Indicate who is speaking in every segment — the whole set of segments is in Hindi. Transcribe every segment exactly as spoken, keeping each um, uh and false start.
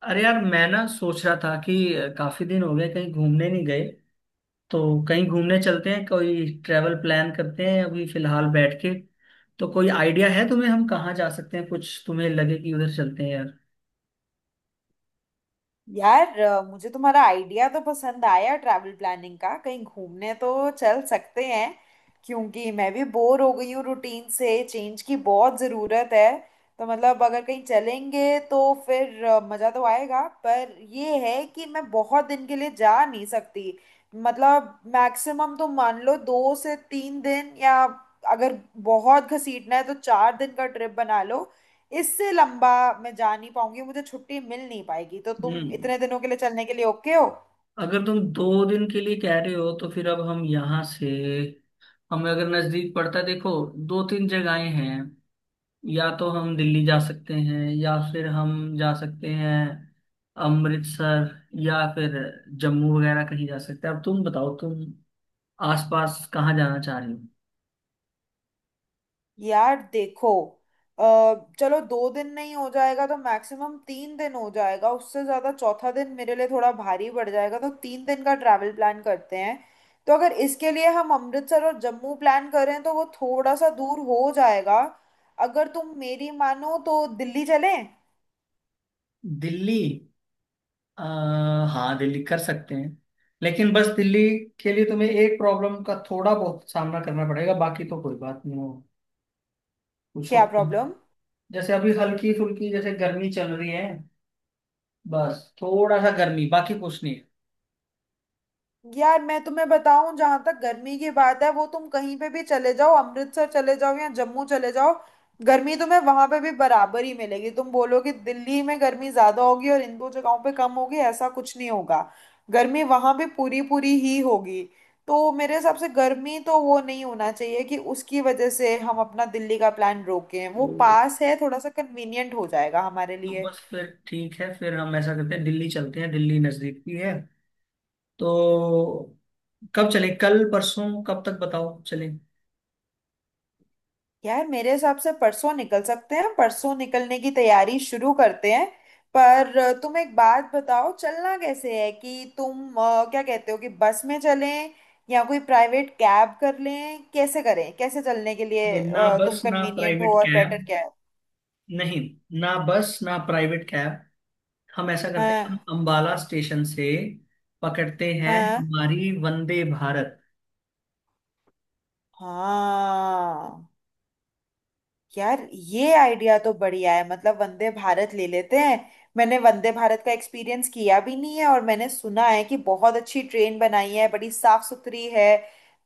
Speaker 1: अरे यार, मैं ना सोच रहा था कि काफी दिन हो गए, कहीं घूमने नहीं गए। तो कहीं घूमने चलते हैं, कोई ट्रैवल प्लान करते हैं अभी फिलहाल बैठ के। तो कोई आइडिया है तुम्हें, हम कहाँ जा सकते हैं? कुछ तुम्हें लगे कि उधर चलते हैं यार।
Speaker 2: यार अ, मुझे तुम्हारा आइडिया तो पसंद आया ट्रैवल प्लानिंग का। कहीं घूमने तो चल सकते हैं क्योंकि मैं भी बोर हो गई हूँ, रूटीन से चेंज की बहुत ज़रूरत है। तो मतलब अगर कहीं चलेंगे तो फिर अ, मज़ा तो आएगा, पर ये है कि मैं बहुत दिन के लिए जा नहीं सकती। मतलब मैक्सिमम तो मान लो दो से तीन दिन, या अगर बहुत घसीटना है तो चार दिन का ट्रिप बना लो। इससे लंबा मैं जा नहीं पाऊंगी, मुझे छुट्टी मिल नहीं पाएगी। तो तुम
Speaker 1: हम्म।
Speaker 2: इतने दिनों के लिए चलने के लिए ओके हो?
Speaker 1: अगर तुम दो दिन के लिए कह रहे हो तो फिर अब हम यहाँ से, हमें अगर नजदीक पड़ता है, देखो दो तीन जगहें हैं। या तो हम दिल्ली जा सकते हैं या फिर हम जा सकते हैं अमृतसर, या फिर जम्मू वगैरह कहीं जा सकते हैं। अब तुम बताओ, तुम आसपास कहाँ जाना चाह रही हो?
Speaker 2: यार देखो, अ, चलो दो दिन नहीं हो जाएगा तो मैक्सिमम तीन दिन हो जाएगा, उससे ज्यादा चौथा दिन मेरे लिए थोड़ा भारी पड़ जाएगा। तो तीन दिन का ट्रैवल प्लान करते हैं। तो अगर इसके लिए हम अमृतसर और जम्मू प्लान करें तो वो थोड़ा सा दूर हो जाएगा। अगर तुम मेरी मानो तो दिल्ली चलें।
Speaker 1: दिल्ली। आ, हाँ दिल्ली कर सकते हैं। लेकिन बस दिल्ली के लिए तुम्हें एक प्रॉब्लम का थोड़ा बहुत सामना करना पड़ेगा, बाकी तो कोई बात नहीं, हो पूछो।
Speaker 2: क्या प्रॉब्लम?
Speaker 1: जैसे अभी हल्की फुल्की जैसे गर्मी चल रही है। बस थोड़ा सा गर्मी, बाकी कुछ नहीं।
Speaker 2: यार मैं तुम्हें बताऊं, जहां तक गर्मी की बात है, वो तुम कहीं पे भी चले जाओ, अमृतसर चले जाओ या जम्मू चले जाओ, गर्मी तुम्हें वहां पे भी बराबर ही मिलेगी। तुम बोलोगे दिल्ली में गर्मी ज्यादा होगी और इन दो जगहों पे कम होगी, ऐसा कुछ नहीं होगा। गर्मी वहां भी पूरी पूरी ही होगी। तो मेरे हिसाब से गर्मी तो वो नहीं होना चाहिए कि उसकी वजह से हम अपना दिल्ली का प्लान रोकें। वो
Speaker 1: है।
Speaker 2: पास है, थोड़ा सा कन्वीनियंट हो जाएगा हमारे
Speaker 1: तो
Speaker 2: लिए।
Speaker 1: बस फिर ठीक है, फिर हम ऐसा करते हैं दिल्ली चलते हैं। दिल्ली नजदीक भी है। तो कब चलें, कल परसों कब तक, बताओ चलें।
Speaker 2: यार मेरे हिसाब से परसों निकल सकते हैं, परसों निकलने की तैयारी शुरू करते हैं। पर अ, तुम एक बात बताओ, चलना कैसे है? कि तुम अ, क्या कहते हो कि बस में चलें या कोई प्राइवेट कैब कर लें? कैसे करें? कैसे चलने के लिए
Speaker 1: नहीं, ना
Speaker 2: अ, तुम
Speaker 1: बस ना
Speaker 2: कन्वीनियंट हो
Speaker 1: प्राइवेट
Speaker 2: और बेटर
Speaker 1: कैब।
Speaker 2: क्या है?
Speaker 1: नहीं, ना बस ना प्राइवेट कैब। हम ऐसा करते हैं, हम
Speaker 2: हाँ।
Speaker 1: अंबाला स्टेशन से पकड़ते हैं
Speaker 2: हाँ।
Speaker 1: हमारी वंदे भारत।
Speaker 2: हाँ, यार ये आइडिया तो बढ़िया है, मतलब वंदे भारत ले लेते हैं। मैंने वंदे भारत का एक्सपीरियंस किया भी नहीं है, और मैंने सुना है कि बहुत अच्छी ट्रेन बनाई है, बड़ी साफ सुथरी है।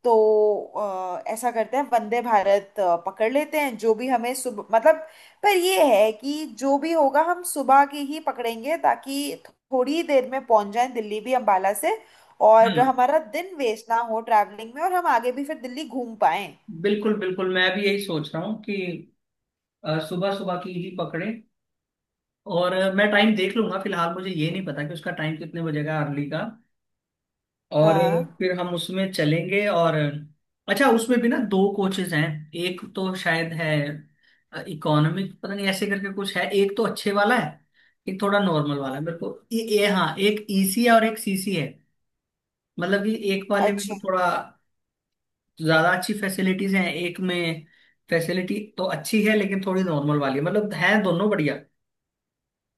Speaker 2: तो अ, ऐसा करते हैं वंदे भारत अ, पकड़ लेते हैं, जो भी हमें सुबह मतलब, पर ये है कि जो भी होगा हम सुबह की ही पकड़ेंगे ताकि थोड़ी देर में पहुंच जाएं दिल्ली भी अंबाला से, और
Speaker 1: हाँ।
Speaker 2: हमारा दिन वेस्ट ना हो ट्रैवलिंग में, और हम आगे भी फिर दिल्ली घूम पाएं।
Speaker 1: बिल्कुल बिल्कुल, मैं भी यही सोच रहा हूँ कि सुबह सुबह की ही पकड़े। और अ, मैं टाइम देख लूंगा, फिलहाल मुझे ये नहीं पता कि उसका टाइम कितने बजेगा अर्ली का। और
Speaker 2: हाँ।
Speaker 1: फिर हम उसमें चलेंगे। और अच्छा, उसमें भी ना दो कोचेज हैं। एक तो शायद है इकोनॉमिक, पता नहीं ऐसे करके कुछ है। एक तो अच्छे वाला है, एक थोड़ा नॉर्मल वाला है। मेरे को ये ये हाँ, एक ई सी है और एक सी सी है। मतलब कि एक वाले में
Speaker 2: अच्छा।
Speaker 1: तो थोड़ा ज्यादा अच्छी फैसिलिटीज हैं। एक में फैसिलिटी तो अच्छी है लेकिन थोड़ी नॉर्मल वाली है। मतलब है दोनों बढ़िया।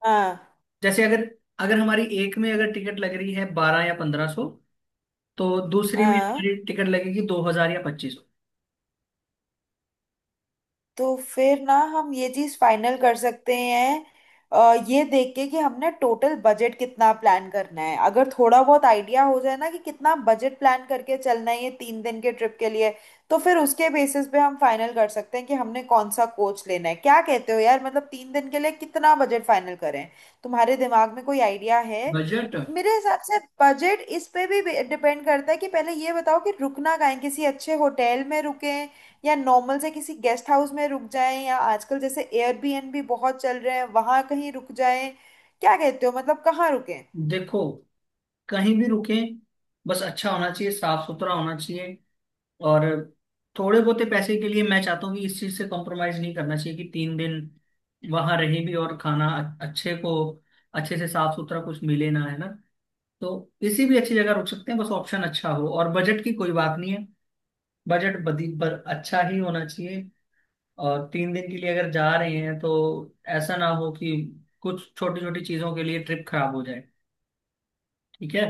Speaker 2: हाँ।
Speaker 1: जैसे अगर, अगर हमारी एक में अगर टिकट लग रही है बारह या पंद्रह सौ, तो दूसरी में
Speaker 2: हाँ।
Speaker 1: हमारी टिकट लगेगी दो हजार या पच्चीस।
Speaker 2: तो फिर ना हम ये चीज फाइनल कर सकते हैं, अ, ये देख के कि हमने टोटल बजट कितना प्लान करना है। अगर थोड़ा बहुत आइडिया हो जाए ना कि कितना बजट प्लान करके चलना है ये तीन दिन के ट्रिप के लिए, तो फिर उसके बेसिस पे हम फाइनल कर सकते हैं कि हमने कौन सा कोच लेना है। क्या कहते हो यार, मतलब तीन दिन के लिए कितना बजट फाइनल करें? तुम्हारे दिमाग में कोई आइडिया है?
Speaker 1: बजट।
Speaker 2: मेरे हिसाब से बजट इस पे भी डिपेंड करता है कि पहले ये बताओ कि रुकना कहाँ है। किसी अच्छे होटल में रुके या नॉर्मल से किसी गेस्ट हाउस में रुक जाएं, या आजकल जैसे एयरबीएनबी बहुत चल रहे हैं, वहां कहीं रुक जाएं? क्या कहते हो, मतलब कहाँ रुकें?
Speaker 1: देखो, कहीं भी रुके बस अच्छा होना चाहिए, साफ सुथरा होना चाहिए। और थोड़े बहुत पैसे के लिए मैं चाहता हूँ कि इस चीज से कॉम्प्रोमाइज नहीं करना चाहिए, कि तीन दिन वहां रहें भी और खाना अ- अच्छे को, अच्छे से साफ सुथरा कुछ मिले ना, है ना? तो किसी भी अच्छी जगह रुक सकते हैं, बस ऑप्शन अच्छा हो, और बजट की कोई बात नहीं है। बजट बदी पर अच्छा ही होना चाहिए। और तीन दिन के लिए अगर जा रहे हैं तो ऐसा ना हो कि कुछ छोटी छोटी चीजों के लिए ट्रिप खराब हो जाए। ठीक है।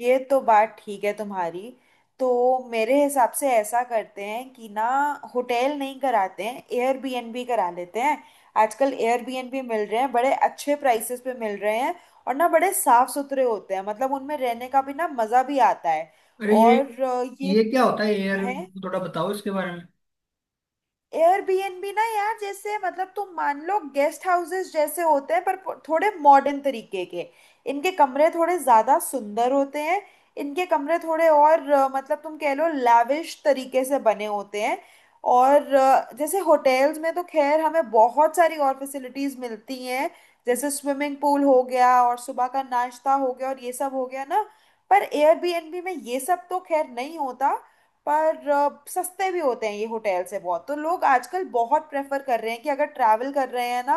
Speaker 2: ये तो बात ठीक है तुम्हारी। तो मेरे हिसाब से ऐसा करते हैं कि ना होटल नहीं कराते हैं, एयरबीएनबी करा लेते हैं। आजकल एयरबीएनबी मिल रहे हैं बड़े अच्छे प्राइसेस पे मिल रहे हैं। और ना बड़े साफ सुथरे होते हैं, मतलब उनमें रहने का भी ना मज़ा भी आता है।
Speaker 1: अरे ये
Speaker 2: और अ, ये
Speaker 1: ये क्या होता है यार?
Speaker 2: है,
Speaker 1: थोड़ा बताओ इसके बारे में।
Speaker 2: एयरबीएनबी ना यार जैसे मतलब तुम मान लो गेस्ट हाउसेस जैसे होते हैं, पर थोड़े मॉडर्न तरीके के। इनके कमरे थोड़े ज्यादा सुंदर होते हैं। इनके कमरे थोड़े और अ, मतलब तुम कह लो लैविश तरीके से बने होते हैं। और अ, जैसे होटल्स में तो खैर हमें बहुत सारी और फैसिलिटीज मिलती हैं, जैसे स्विमिंग पूल हो गया, और सुबह का नाश्ता हो गया, और ये सब हो गया ना। पर एयरबीएनबी में ये सब तो खैर नहीं होता, पर अ, सस्ते भी होते हैं ये होटल से बहुत। तो लोग आजकल बहुत प्रेफर कर रहे हैं कि अगर ट्रैवल कर रहे हैं ना,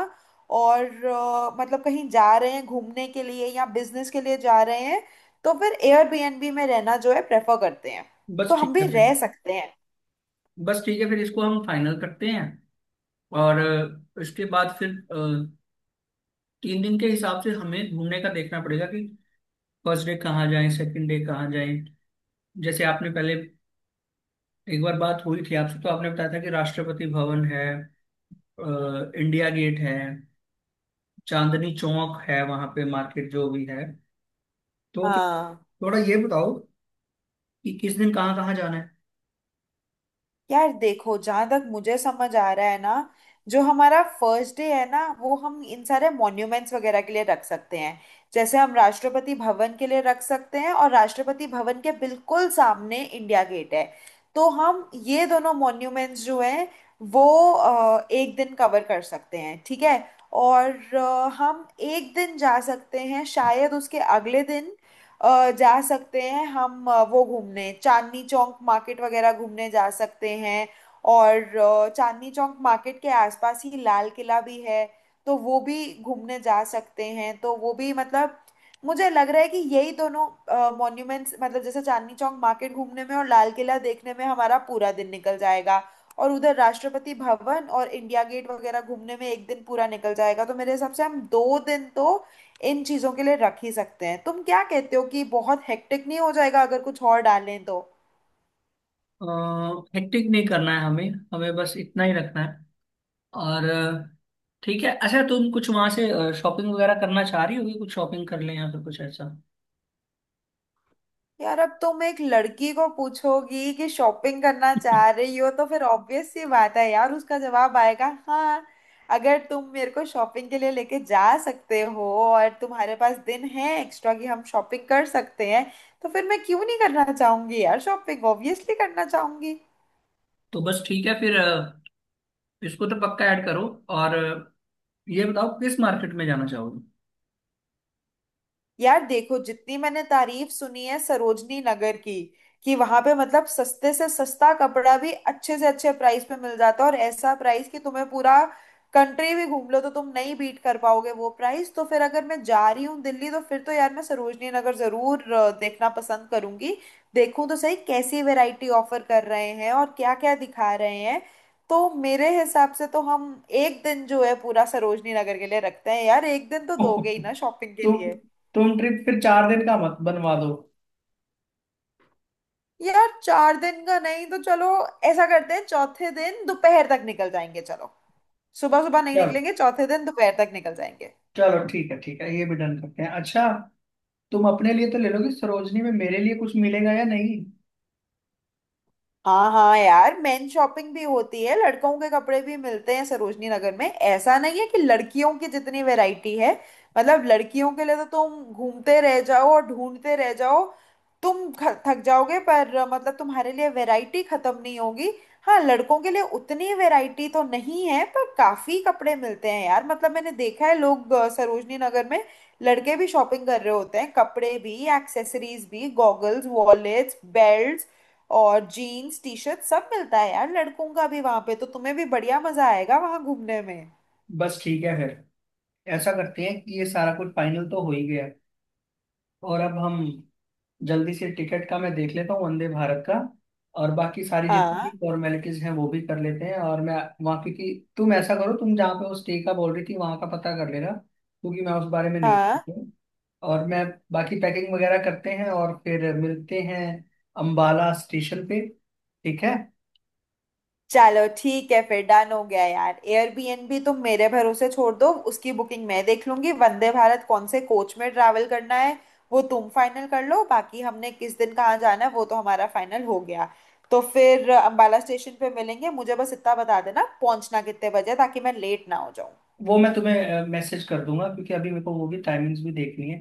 Speaker 2: और अ, मतलब कहीं जा रहे हैं घूमने के लिए या बिजनेस के लिए जा रहे हैं, तो फिर एयरबीएनबी में रहना जो है प्रेफर करते हैं।
Speaker 1: बस
Speaker 2: तो हम
Speaker 1: ठीक
Speaker 2: भी
Speaker 1: है फिर।
Speaker 2: रह सकते हैं।
Speaker 1: बस ठीक है, फिर इसको हम फाइनल करते हैं। और अ, इसके बाद फिर अ, तीन दिन के हिसाब से हमें घूमने का देखना पड़ेगा कि फर्स्ट डे कहाँ जाएं, सेकंड डे कहाँ जाएं। जैसे आपने पहले एक बार बात हुई थी आपसे, तो आपने बताया था कि राष्ट्रपति भवन है, अ, इंडिया गेट है, चांदनी चौक है, वहां पे मार्केट जो भी है। तो फिर
Speaker 2: हाँ,
Speaker 1: थोड़ा ये बताओ कि किस दिन कहाँ कहाँ जाना है।
Speaker 2: यार देखो, जहां तक मुझे समझ आ रहा है ना, जो हमारा फर्स्ट डे है ना वो हम इन सारे मॉन्यूमेंट्स वगैरह के लिए रख सकते हैं। जैसे हम राष्ट्रपति भवन के लिए रख सकते हैं, और राष्ट्रपति भवन के बिल्कुल सामने इंडिया गेट है। तो हम ये दोनों मॉन्यूमेंट्स जो हैं, वो अ, एक दिन कवर कर सकते हैं, ठीक है? और अ, हम एक दिन जा सकते हैं शायद उसके अगले दिन, अ, जा सकते हैं हम, अ, वो घूमने चांदनी चौक मार्केट वगैरह घूमने जा सकते हैं। और अ, चांदनी चौक मार्केट के आसपास ही लाल किला भी है, तो वो भी घूमने जा सकते हैं। तो वो भी मतलब, मुझे लग रहा है कि यही दोनों मॉन्यूमेंट्स, मतलब जैसे चांदनी चौक मार्केट घूमने में और लाल किला देखने में हमारा पूरा दिन निकल जाएगा, और उधर राष्ट्रपति भवन और इंडिया गेट वगैरह घूमने में एक दिन पूरा निकल जाएगा। तो मेरे हिसाब से हम दो दिन तो इन चीजों के लिए रख ही सकते हैं। तुम क्या कहते हो, कि बहुत हेक्टिक नहीं हो जाएगा अगर कुछ और डालें तो?
Speaker 1: हेक्टिक नहीं करना है हमें, हमें बस इतना ही रखना है। और अ, ठीक है। अच्छा, तुम कुछ वहां से शॉपिंग वगैरह करना चाह रही होगी, कुछ शॉपिंग कर लें या फिर कुछ ऐसा।
Speaker 2: यार अब तुम एक लड़की को पूछोगी कि शॉपिंग करना चाह रही हो, तो फिर ऑब्वियस सी बात है यार, उसका जवाब आएगा हाँ। अगर तुम मेरे को शॉपिंग के लिए लेके जा सकते हो और तुम्हारे पास दिन है एक्स्ट्रा कि हम शॉपिंग कर सकते हैं, तो फिर मैं क्यों नहीं करना चाहूंगी यार? शॉपिंग ऑब्वियसली करना चाहूंगी।
Speaker 1: तो बस ठीक है फिर अ, इसको तो पक्का ऐड करो। और अ, ये बताओ किस मार्केट में जाना चाहोगे?
Speaker 2: यार देखो, जितनी मैंने तारीफ सुनी है सरोजनी नगर की, कि वहां पे मतलब सस्ते से सस्ता कपड़ा भी अच्छे से अच्छे प्राइस पे मिल जाता है, और ऐसा प्राइस कि तुम्हें पूरा कंट्री भी घूम लो तो तुम नहीं बीट कर पाओगे वो प्राइस। तो फिर अगर मैं जा रही हूँ दिल्ली तो फिर तो यार मैं सरोजनी नगर जरूर अ, देखना पसंद करूंगी। देखूं तो सही कैसी वैरायटी ऑफर कर रहे हैं और क्या क्या दिखा रहे हैं। तो मेरे हिसाब से तो हम एक दिन जो है पूरा सरोजनी नगर के लिए रखते हैं। यार एक दिन तो दोगे ही ना शॉपिंग के
Speaker 1: तुम
Speaker 2: लिए?
Speaker 1: तुम ट्रिप फिर चार दिन का मत बनवा दो।
Speaker 2: यार चार दिन का नहीं तो चलो ऐसा करते हैं, चौथे दिन दोपहर तक निकल जाएंगे, चलो। सुबह सुबह नहीं
Speaker 1: चलो।
Speaker 2: निकलेंगे, चौथे दिन दोपहर तक निकल जाएंगे।
Speaker 1: चलो ठीक है, ठीक है, ये भी डन करते हैं। अच्छा, तुम अपने लिए तो ले लोगे सरोजनी में, मेरे लिए कुछ मिलेगा या नहीं?
Speaker 2: हाँ, हाँ, यार मेन शॉपिंग भी होती है, लड़कों के कपड़े भी मिलते हैं सरोजनी नगर में। ऐसा नहीं है कि लड़कियों की जितनी वैरायटी है, मतलब लड़कियों के लिए तो तुम घूमते रह जाओ और ढूंढते रह जाओ, तुम ख- थक जाओगे, पर मतलब तुम्हारे लिए वैरायटी खत्म नहीं होगी। हाँ, लड़कों के लिए उतनी वैरायटी तो नहीं है, पर काफी कपड़े मिलते हैं यार, मतलब मैंने देखा है लोग अ, सरोजनी नगर में लड़के भी शॉपिंग कर रहे होते हैं, कपड़े भी, एक्सेसरीज भी, गॉगल्स, वॉलेट्स, बेल्ट और जीन्स टी शर्ट सब मिलता है यार लड़कों का भी वहां पे। तो तुम्हें भी बढ़िया मजा आएगा वहां घूमने में।
Speaker 1: बस ठीक है फिर, ऐसा करते हैं कि ये सारा कुछ फाइनल तो हो ही गया है। और अब हम जल्दी से टिकट का मैं देख लेता हूँ वंदे भारत का, और बाकी सारी जितनी
Speaker 2: हाँ।
Speaker 1: भी फॉर्मेलिटीज हैं वो भी कर लेते हैं। और मैं वहाँ, क्योंकि तुम ऐसा करो, तुम जहाँ पे वो स्टे का बोल रही थी वहाँ का पता कर लेना, क्योंकि मैं उस बारे में नहीं
Speaker 2: हाँ।
Speaker 1: जानती हूँ। और मैं बाकी पैकिंग वगैरह करते हैं और फिर मिलते हैं अम्बाला स्टेशन पे। ठीक है।
Speaker 2: चलो ठीक है फिर, डन हो गया यार। एयरबीएनबी तुम मेरे भरोसे छोड़ दो, उसकी बुकिंग मैं देख लूंगी। वंदे भारत कौन से कोच में ट्रैवल करना है वो तुम फाइनल कर लो। बाकी हमने किस दिन कहाँ जाना है वो तो हमारा फाइनल हो गया। तो फिर अंबाला स्टेशन पे मिलेंगे। मुझे बस इतना बता देना पहुंचना कितने बजे, ताकि मैं लेट ना हो जाऊं।
Speaker 1: वो मैं तुम्हें मैसेज कर दूंगा, क्योंकि अभी मेरे को वो भी टाइमिंग्स भी देखनी है।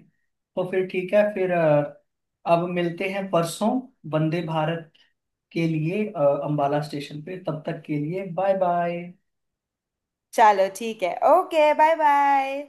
Speaker 1: तो फिर ठीक है, फिर अ, अब मिलते हैं परसों वंदे भारत के लिए अ, अंबाला स्टेशन पे। तब तक के लिए बाय बाय।
Speaker 2: चलो ठीक है, ओके, बाय बाय।